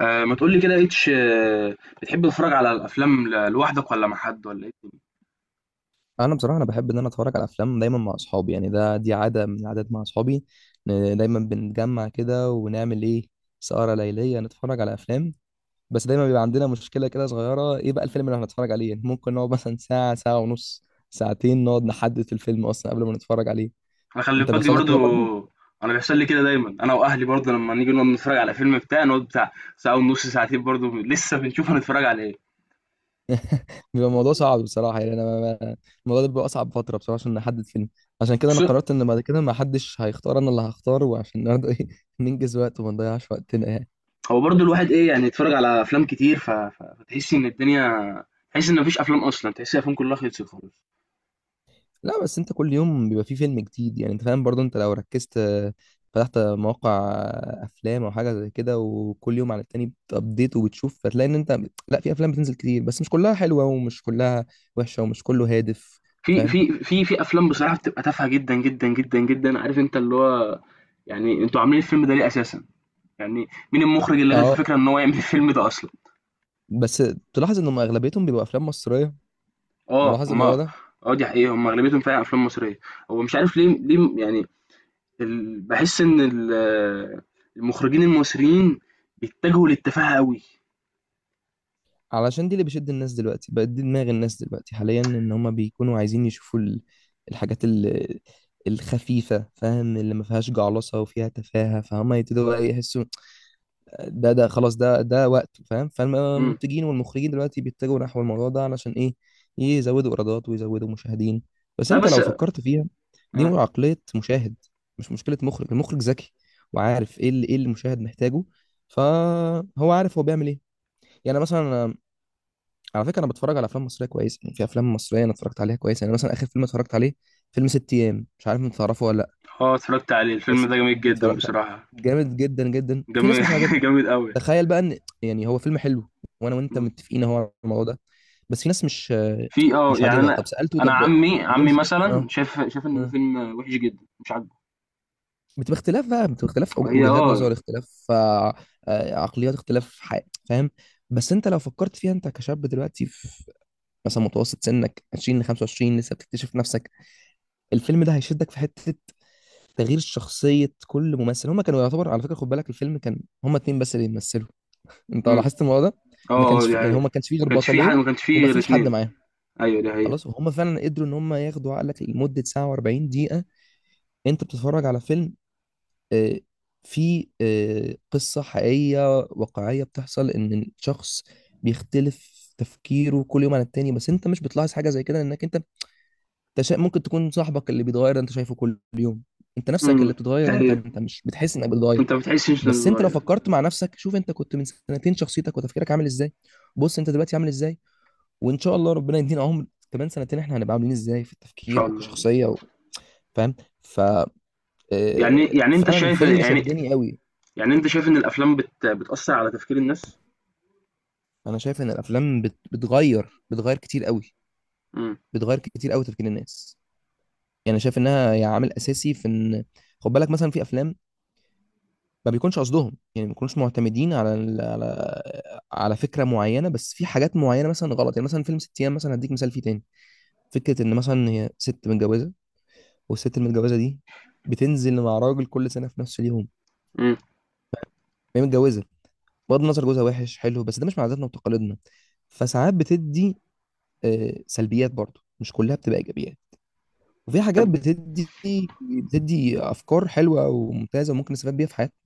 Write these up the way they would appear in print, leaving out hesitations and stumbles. ما تقول لي كده اتش، بتحب تتفرج على الافلام لوحدك ولا مع حد ولا ايه؟ انا بحب ان انا اتفرج على افلام دايما مع اصحابي، يعني دي عاده من العادات مع اصحابي، إن دايما بنتجمع كده ونعمل ايه، سهره ليليه نتفرج على افلام. بس دايما بيبقى عندنا مشكله كده صغيره، ايه بقى الفيلم اللي هنتفرج عليه. يعني ممكن نقعد مثلا ساعه ونص ساعتين نقعد نحدد في الفيلم اصلا قبل ما نتفرج عليه. انا خلي انت بالك دي بيحصل لك برضو. كده برضو. انا بيحصل لي كده دايما، انا واهلي برضو لما نيجي نقعد نتفرج على فيلم بتاع، نقعد بتاع ساعه ونص ساعتين برضو لسه بنشوف هنتفرج على ايه. بيبقى الموضوع آه. صعب بصراحه، يعني انا ما- ما- الموضوع ده بيبقى اصعب فتره بصراحه عشان نحدد فيلم. عشان كده انا وخصوصا- قررت ان بعد كده ما حدش هيختار، انا اللي هختاره، وعشان برضه ايه ننجز وقت وما نضيعش وقتنا يعني. هو برضو الواحد، ايه يعني، يتفرج على افلام كتير، فتحس ان الدنيا، تحس ان مفيش افلام اصلا، تحس الافلام كلها خلصت خالص. لا، بس انت كل يوم بيبقى فيه فيلم جديد يعني، انت فاهم برضو، انت لو ركزت، فتحت مواقع افلام او حاجه زي كده وكل يوم على التاني بتابديت وبتشوف، هتلاقي ان انت، لا في افلام بتنزل كتير بس مش كلها حلوه ومش كلها وحشه ومش كله هادف. في فاهم. في في في افلام بصراحه بتبقى تافهه جدا جدا جدا جدا، عارف، انت اللي هو، يعني انتوا عاملين الفيلم ده ليه اساسا؟ يعني مين المخرج اللي جات له اه، فكرة إن هو يعمل الفيلم ده أصلًا؟ بس تلاحظ ان هم اغلبيتهم بيبقوا افلام مصريه، آه، ملاحظ هم، الموضوع ده. دي حقيقة، هم أغلبيتهم فعلًا أفلام مصرية. هو مش عارف ليه، ليه يعني. باحس إن المخرجين المصريين بيتجهوا للتفاهة أوي. علشان دي اللي بيشد الناس دلوقتي، بقت دي دماغ الناس دلوقتي حاليا، ان هما بيكونوا عايزين يشوفوا الحاجات الخفيفة، فاهم، اللي ما فيهاش جعلصة وفيها تفاهة، فهم يبتدوا بقى يحسوا ده خلاص ده وقته، فاهم. إمم. فالمنتجين والمخرجين دلوقتي بيتجهوا نحو الموضوع ده، علشان ايه؟ يزودوا ايرادات ويزودوا مشاهدين. بس لأ، انت بس. لو فكرت فيها، دي آه. عقلية مشاهد، مش مشكلة مخرج. المخرج ذكي وعارف ايه اللي المشاهد محتاجه، فهو عارف هو بيعمل ايه. يعني مثلا، على فكره انا بتفرج على افلام مصريه كويسه، يعني في افلام مصريه انا اتفرجت عليها كويس. يعني مثلا اخر فيلم اتفرجت عليه فيلم ست ايام، مش عارف انت تعرفه ولا لا. آه، اتفرجت عليه، الفيلم بس ده جميل جدًا اتفرجت، بصراحة. جامد جدا جدا. في جمي ناس مش عاجبها. جامد أوي. تخيل بقى ان يعني هو فيلم حلو، وانا وانت إمم. متفقين اهو على الموضوع ده، بس في ناس مش في، مش يعني عاجبها. أنا طب سالته أنا طب عمي ليه عمي مش، مثلًا اه، شاف إن ده آه. فيلم وحش جدًا، مش عاجبه. بتبقى اختلاف بقى، بتبقى اختلاف هي، وجهات نظر، اختلاف عقليات، اختلاف فاهم. بس انت لو فكرت فيها، انت كشاب دلوقتي في مثلا متوسط سنك 20 ل 25، لسه بتكتشف نفسك، الفيلم ده هيشدك في حته تغيير شخصيه كل ممثل. هما كانوا يعتبر، على فكره خد بالك، الفيلم كان هما اتنين بس اللي بيمثلوا، انت إمم. لاحظت الموضوع ده. ما آه، آه، كانش دي فيه، يعني هما حقيقة. ما كانش فيه ما غير كانش في حد، بطلين ما كانش في وما غير فيش حد 2. معاهم، أيوه، دي حقيقة. خلاص. وهم فعلا قدروا ان هم ياخدوا عقلك لمده ساعه و40 دقيقه. انت بتتفرج على فيلم، آه، في قصه حقيقيه واقعيه بتحصل، ان الشخص بيختلف تفكيره كل يوم عن التاني، بس انت مش بتلاحظ حاجه زي كده لانك انت، ممكن تكون صاحبك اللي بيتغير انت شايفه كل يوم، انت نفسك اللي امم بتتغير، انت طيب، انت مش بتحس انك بتتغير. انت ما بتحسش انه بس انت بيتغير، لو ان فكرت مع نفسك، شوف انت كنت من سنتين شخصيتك وتفكيرك عامل ازاي، بص انت دلوقتي عامل ازاي، وان شاء الله ربنا يدينا عمر كمان سنتين احنا هنبقى عاملين ازاي في التفكير شاء الله. وكشخصية و... فاهم. ف يعني يعني انت فعلا شايف، الفيلم يعني شدني قوي. يعني انت شايف ان الافلام بتأثر على تفكير الناس؟ انا شايف ان الافلام بت... بتغير بتغير كتير قوي، امم. بتغير كتير قوي تفكير الناس. يعني شايف انها يعني عامل اساسي في ان، خد بالك مثلا، في افلام ما بيكونش قصدهم، يعني ما بيكونوش معتمدين على على على فكره معينه، بس في حاجات معينه مثلا غلط، يعني مثلا فيلم ست ايام مثلا هديك مثال فيه تاني، فكره ان مثلا هي ست متجوزه والست المتجوزه دي بتنزل مع راجل كل سنه في نفس اليوم، امم. هي متجوزه، بغض النظر جوزها وحش حلو، بس ده مش من عاداتنا وتقاليدنا. فساعات بتدي سلبيات برضه، مش كلها بتبقى ايجابيات. وفي حاجات طب. بتدي افكار حلوه وممتازه وممكن نستفاد بيها في حياتنا،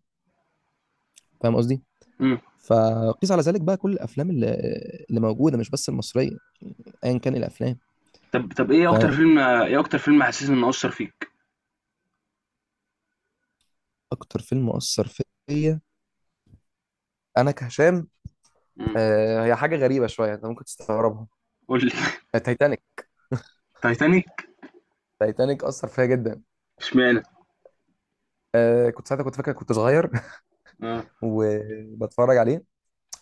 فاهم قصدي؟ امم. فقيس على ذلك بقى كل الافلام اللي موجوده، مش بس المصريه، ايا كان الافلام. طب. طب. فاهم. ايه اكتر فيلم حسيت انه اثر فيك؟ اكتر فيلم اثر فيا انا كهشام، امم آه، هي حاجه غريبه شويه انت ممكن تستغربها، قول لي تايتانيك. تايتانيك. تايتانيك اثر فيا جدا. اشمعنى؟ آه كنت ساعتها، كنت فاكر كنت صغير اه. وبتفرج عليه،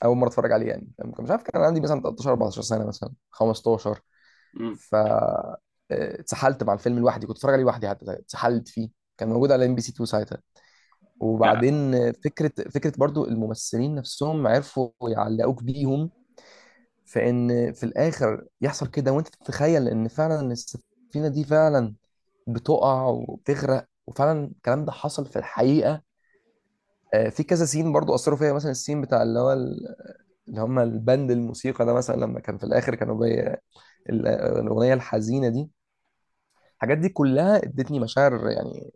اول مره اتفرج عليه يعني، فاهم؟ مش عارف كان عندي مثلا 13 14 سنه، مثلا 15. امم ف اتسحلت مع الفيلم لوحدي، كنت اتفرج عليه لوحدي حتى اتسحلت فيه، كان موجود على ام بي سي 2 ساعتها. يعني وبعدين فكرة برضو الممثلين نفسهم عرفوا يعلقوك بيهم، في ان في الاخر يحصل كده، وانت تتخيل ان فعلا إن السفينة دي فعلا بتقع وبتغرق، وفعلا الكلام ده حصل في الحقيقة. آه، في كذا سين برضو اثروا فيا، مثلا السين بتاع اللي هو اللي هم البند الموسيقى ده، مثلا لما كان في الاخر كانوا ال- الاغنية الحزينة دي، الحاجات دي كلها ادتني مشاعر يعني،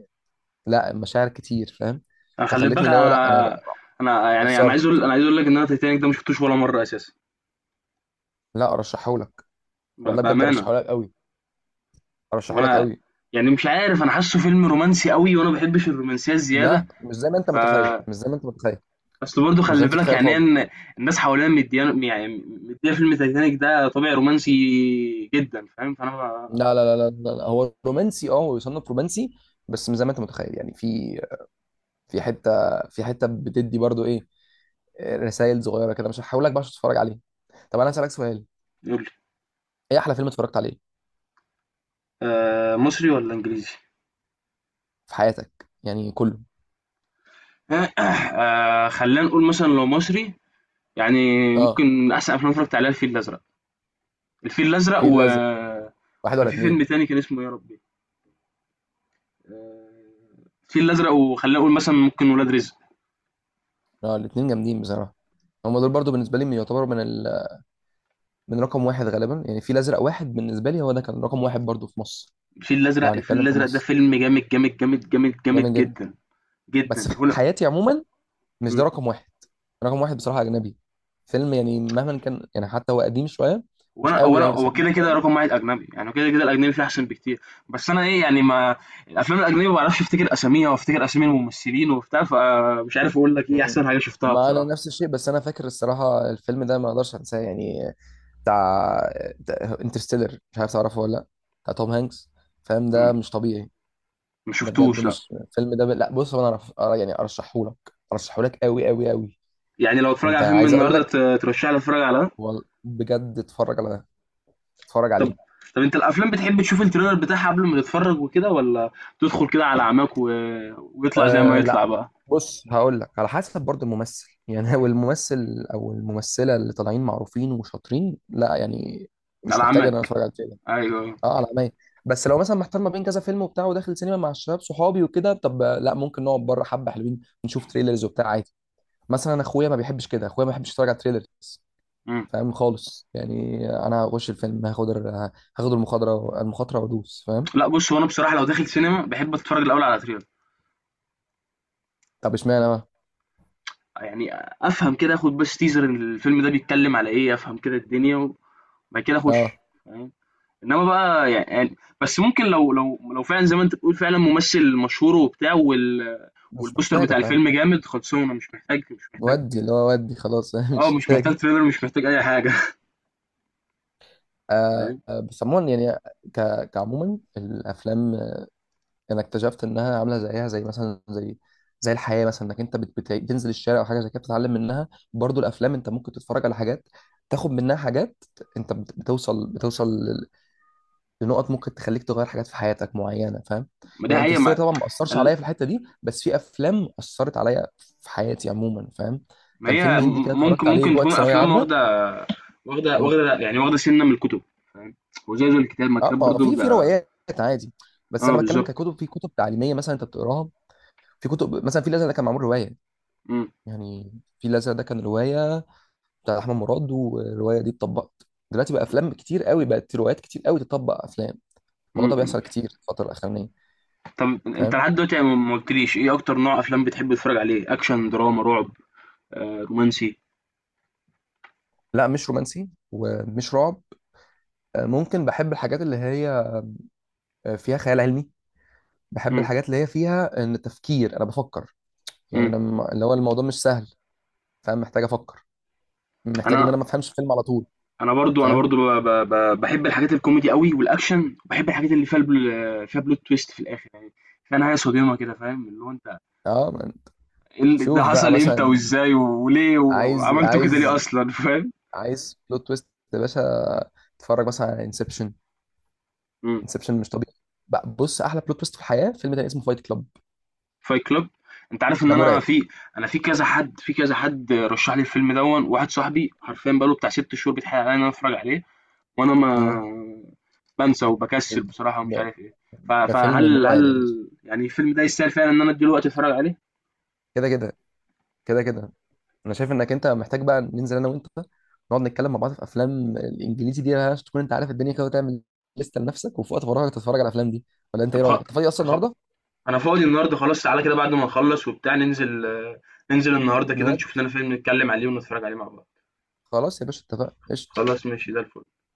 لا مشاعر كتير فاهم. أنا خلي فخلتني بالك. اللي هو، لا انا انا انا يعني انا اتأثرت. عايز اقول انا عايز اقول لك ان انا تايتانيك ده ما شفتوش ولا مره اساسا. لا ارشحهولك، والله بجد بامانه. ارشحه لك قوي، ارشحه لك وانا، قوي. يعني مش عارف، انا حاسه فيلم رومانسي قوي وانا ما بحبش الرومانسيه الزياده. لا مش زي ما انت متخيل، مش زي ما انت متخيل اصل برضه مش زي ما خلي انت بالك متخيل يعني خالص. إن الناس حواليا مديان يعني، مديه فيلم تايتانيك ده طابع رومانسي جدا، فاهم، فانا ما-. لا. هو رومانسي، اه هو يصنف رومانسي، بس مش زي ما انت متخيل يعني، في في حته، في حته بتدي برضو ايه رسائل صغيره كده، مش هحاول لك بقى عشان تتفرج عليه. طب انا هسالك سؤال، يقول لي. ايه احلى فيلم اتفرجت عليه مصري ولا انجليزي؟ في حياتك يعني كله. خلينا نقول مثلا لو مصري. يعني اه، ممكن احسن افلام اتفرجت عليها الفيل الازرق، الفيل الازرق. في الازرق واحد وكان ولا في اتنين؟ فيلم تاني كان اسمه يا ربي، آه، الفيل الازرق وخلينا نقول مثلا ممكن ولاد رزق. اه الاتنين جامدين بصراحه. هم دول برضو بالنسبه لي يعتبروا من رقم واحد غالبا، يعني في الازرق واحد بالنسبه لي هو ده كان رقم واحد برضو في مصر، لو الفيل هنتكلم في الازرق ده مصر. فيلم جامد جامد جامد جامد جامد جامد جدا. جدا بس جدا. في حياتي عموما مش ده هنا، رقم واحد. رقم واحد بصراحة أجنبي فيلم، يعني مهما كان، يعني حتى هو قديم شوية، مش قوي يعني بس هو قديم كده كده شوية. رقم واحد اجنبي، يعني كده كده الاجنبي فيه احسن بكتير. بس انا ايه يعني، ما الافلام الاجنبي ما بعرفش افتكر اساميها وافتكر اسامي الممثلين وبتاع، فمش عارف اقول لك ايه مم. احسن حاجه شفتها ما أنا بصراحه. نفس الشيء، بس أنا فاكر الصراحة الفيلم ده ما أقدرش أنساه يعني، بتاع انترستيلر، مش عارف تعرفه ولا لأ، بتاع توم هانكس. فاهم، مم. ده مش طبيعي. ما ده بجد شفتوش، لا. مش الفيلم ده لا بص، هو أنا يعني أرشحه لك، أرشحه لك قوي قوي قوي. يعني لو اتفرج أنت على فيلم عايز أقول النهارده، لك، ترشح لي اتفرج على ده؟ هو بجد اتفرج على ده، اتفرج طب عليه. طب انت الافلام بتحب تشوف التريلر بتاعها قبل ما تتفرج وكده، ولا تدخل كده على عماك، ويطلع زي ما أه لا، يطلع بقى. بص هقول لك على حسب برضو الممثل يعني هو الممثل او الممثله اللي طالعين معروفين وشاطرين، لا يعني مش على محتاج ان انا عماك. اتفرج على كده. ايوه. اه على عينيا. بس لو مثلا محتار ما بين كذا فيلم وبتاع، وداخل سينما مع الشباب صحابي وكده، طب لا ممكن نقعد بره حبه حلوين نشوف تريلرز وبتاع عادي. مثلا أنا اخويا ما بيحبش كده، اخويا ما بيحبش يتفرج على تريلر، مم. فاهم خالص. يعني انا هخش الفيلم، هاخد المخاطره وادوس فاهم. لا، بص، هو انا بصراحه لو داخل سينما بحب اتفرج الاول على تريلر. طب اشمعنى بقى؟ يعني افهم كده، اخد بس تيزر ان الفيلم ده بيتكلم على ايه، افهم كده الدنيا، وبعد كده اخش. اه فاهم. انما بقى، بس ممكن لو فعلا زي ما انت بتقول، فعلا ممثل مشهور وبتاع، مش والبوستر محتاجه بتاع فاهم. الفيلم جامد، خلصونا، مش محتاج، مش محتاج. ودي اللي هو ودي خلاص اه، مش مش محتاج. محتاج تريلر، مش محتاج اي حاجه. آه فاهم. بس عموما يعني، كعموما الافلام، آه، انا اكتشفت انها عامله زيها زي مثلا، زي زي الحياه مثلا، انك انت بتنزل الشارع او حاجه زي كده بتتعلم منها، برضو الافلام انت ممكن تتفرج على حاجات، تاخد منها حاجات. انت بتوصل لنقط ممكن تخليك تغير حاجات في حياتك معينه، فاهم. ما دي يعني حقيقه، انترستيلر ما، طبعا ما اثرش ال- عليا في الحته دي، بس في افلام اثرت عليا في حياتي عموما، فاهم. ما كان فيلم هي، هندي كده اتفرجت عليه ممكن في تكون وقت ثانويه افلام عامه. واخده، إمم. واخده سنه من الكتب، فاهم. وزي الكتاب، ما اه، الكتاب ما هو برضه في في بيبقى. روايات عادي، بس اه، انا بتكلم بالظبط. ككتب، في كتب تعليميه مثلا انت بتقراها. في كتب، مثلا في الازرق ده كان معمول روايه، مم. يعني في الازرق ده كان روايه بتاع احمد مراد، والروايه دي اتطبقت. دلوقتي بقى افلام كتير قوي بقت، روايات كتير قوي تطبق افلام، الموضوع ده مم. بيحصل كتير في الفتره الاخرانيه. طب، انت فاهم. لحد دلوقتي ما قلتليش ايه اكتر نوع افلام بتحب تتفرج عليه؟ اكشن، دراما، رعب، آه، رومانسي؟ لا مش رومانسي ومش رعب، آه، ممكن بحب الحاجات اللي هي فيها خيال علمي. بحب مم. الحاجات اللي هي فيها ان تفكير، انا بفكر يعني، مم. اللي هو الموضوع مش سهل فاهم، محتاج افكر، محتاج ان انا انا ما افهمش فيلم على طول، انا برضو، انا فاهم. برضو بحب الحاجات الكوميدي قوي والاكشن، وبحب الحاجات اللي فيها فيها بلوت تويست في الاخر يعني، فيها نهايه صادمه كده، فاهم، اللي هو انت، اه من. ده شوف بقى حصل امتى مثلا، وازاي وليه عايز وعملته كده ليه عايز اصلا فاهم. عايز بلوت تويست يا باشا، اتفرج مثلا على انسبشن. مم. انسبشن مش طبيعي. بقى بص، احلى بلوت تويست في الحياه فيلم تاني اسمه فايت كلاب. فايت كلوب. انت عارف ان ده انا مرعب. في، كذا حد، رشح لي الفيلم دون، واحد صاحبي حرفيا بقاله بتاع 6 شهور بيتحايل عليا ان انا اتفرج عليه. وانا ما مم. بانسى وبكسل بصراحة، ومش ده, عارف إيه. ف ده فيلم فهل هل مرعب يا باشا. يعني الفيلم ده يستاهل فعلًا إن أنا أدّي له وقت أتفرّج عليه؟ كده كده كده كده انا شايف انك انت محتاج بقى ننزل انا وانت، نقعد نتكلم مع بعض في افلام الانجليزي دي عشان تكون انت عارف الدنيا كده، وتعمل لسته لنفسك وفي وقت فراغك تتفرج على الافلام دي. ولا انت طب. ايه رايك، خ انت فاضي اصلا خ النهارده؟ أنا فاضي النهارده خلاص، تعالَ كده بعد ما نخلّص وبتاع، ننزل النهارده كده، نواد، نشوف لنا فيلم نتكلّم عليه ونتفرّج عليه مع بعض. خلاص يا باشا اتفقنا، قشطه. خلاص، ماشي زي الفل.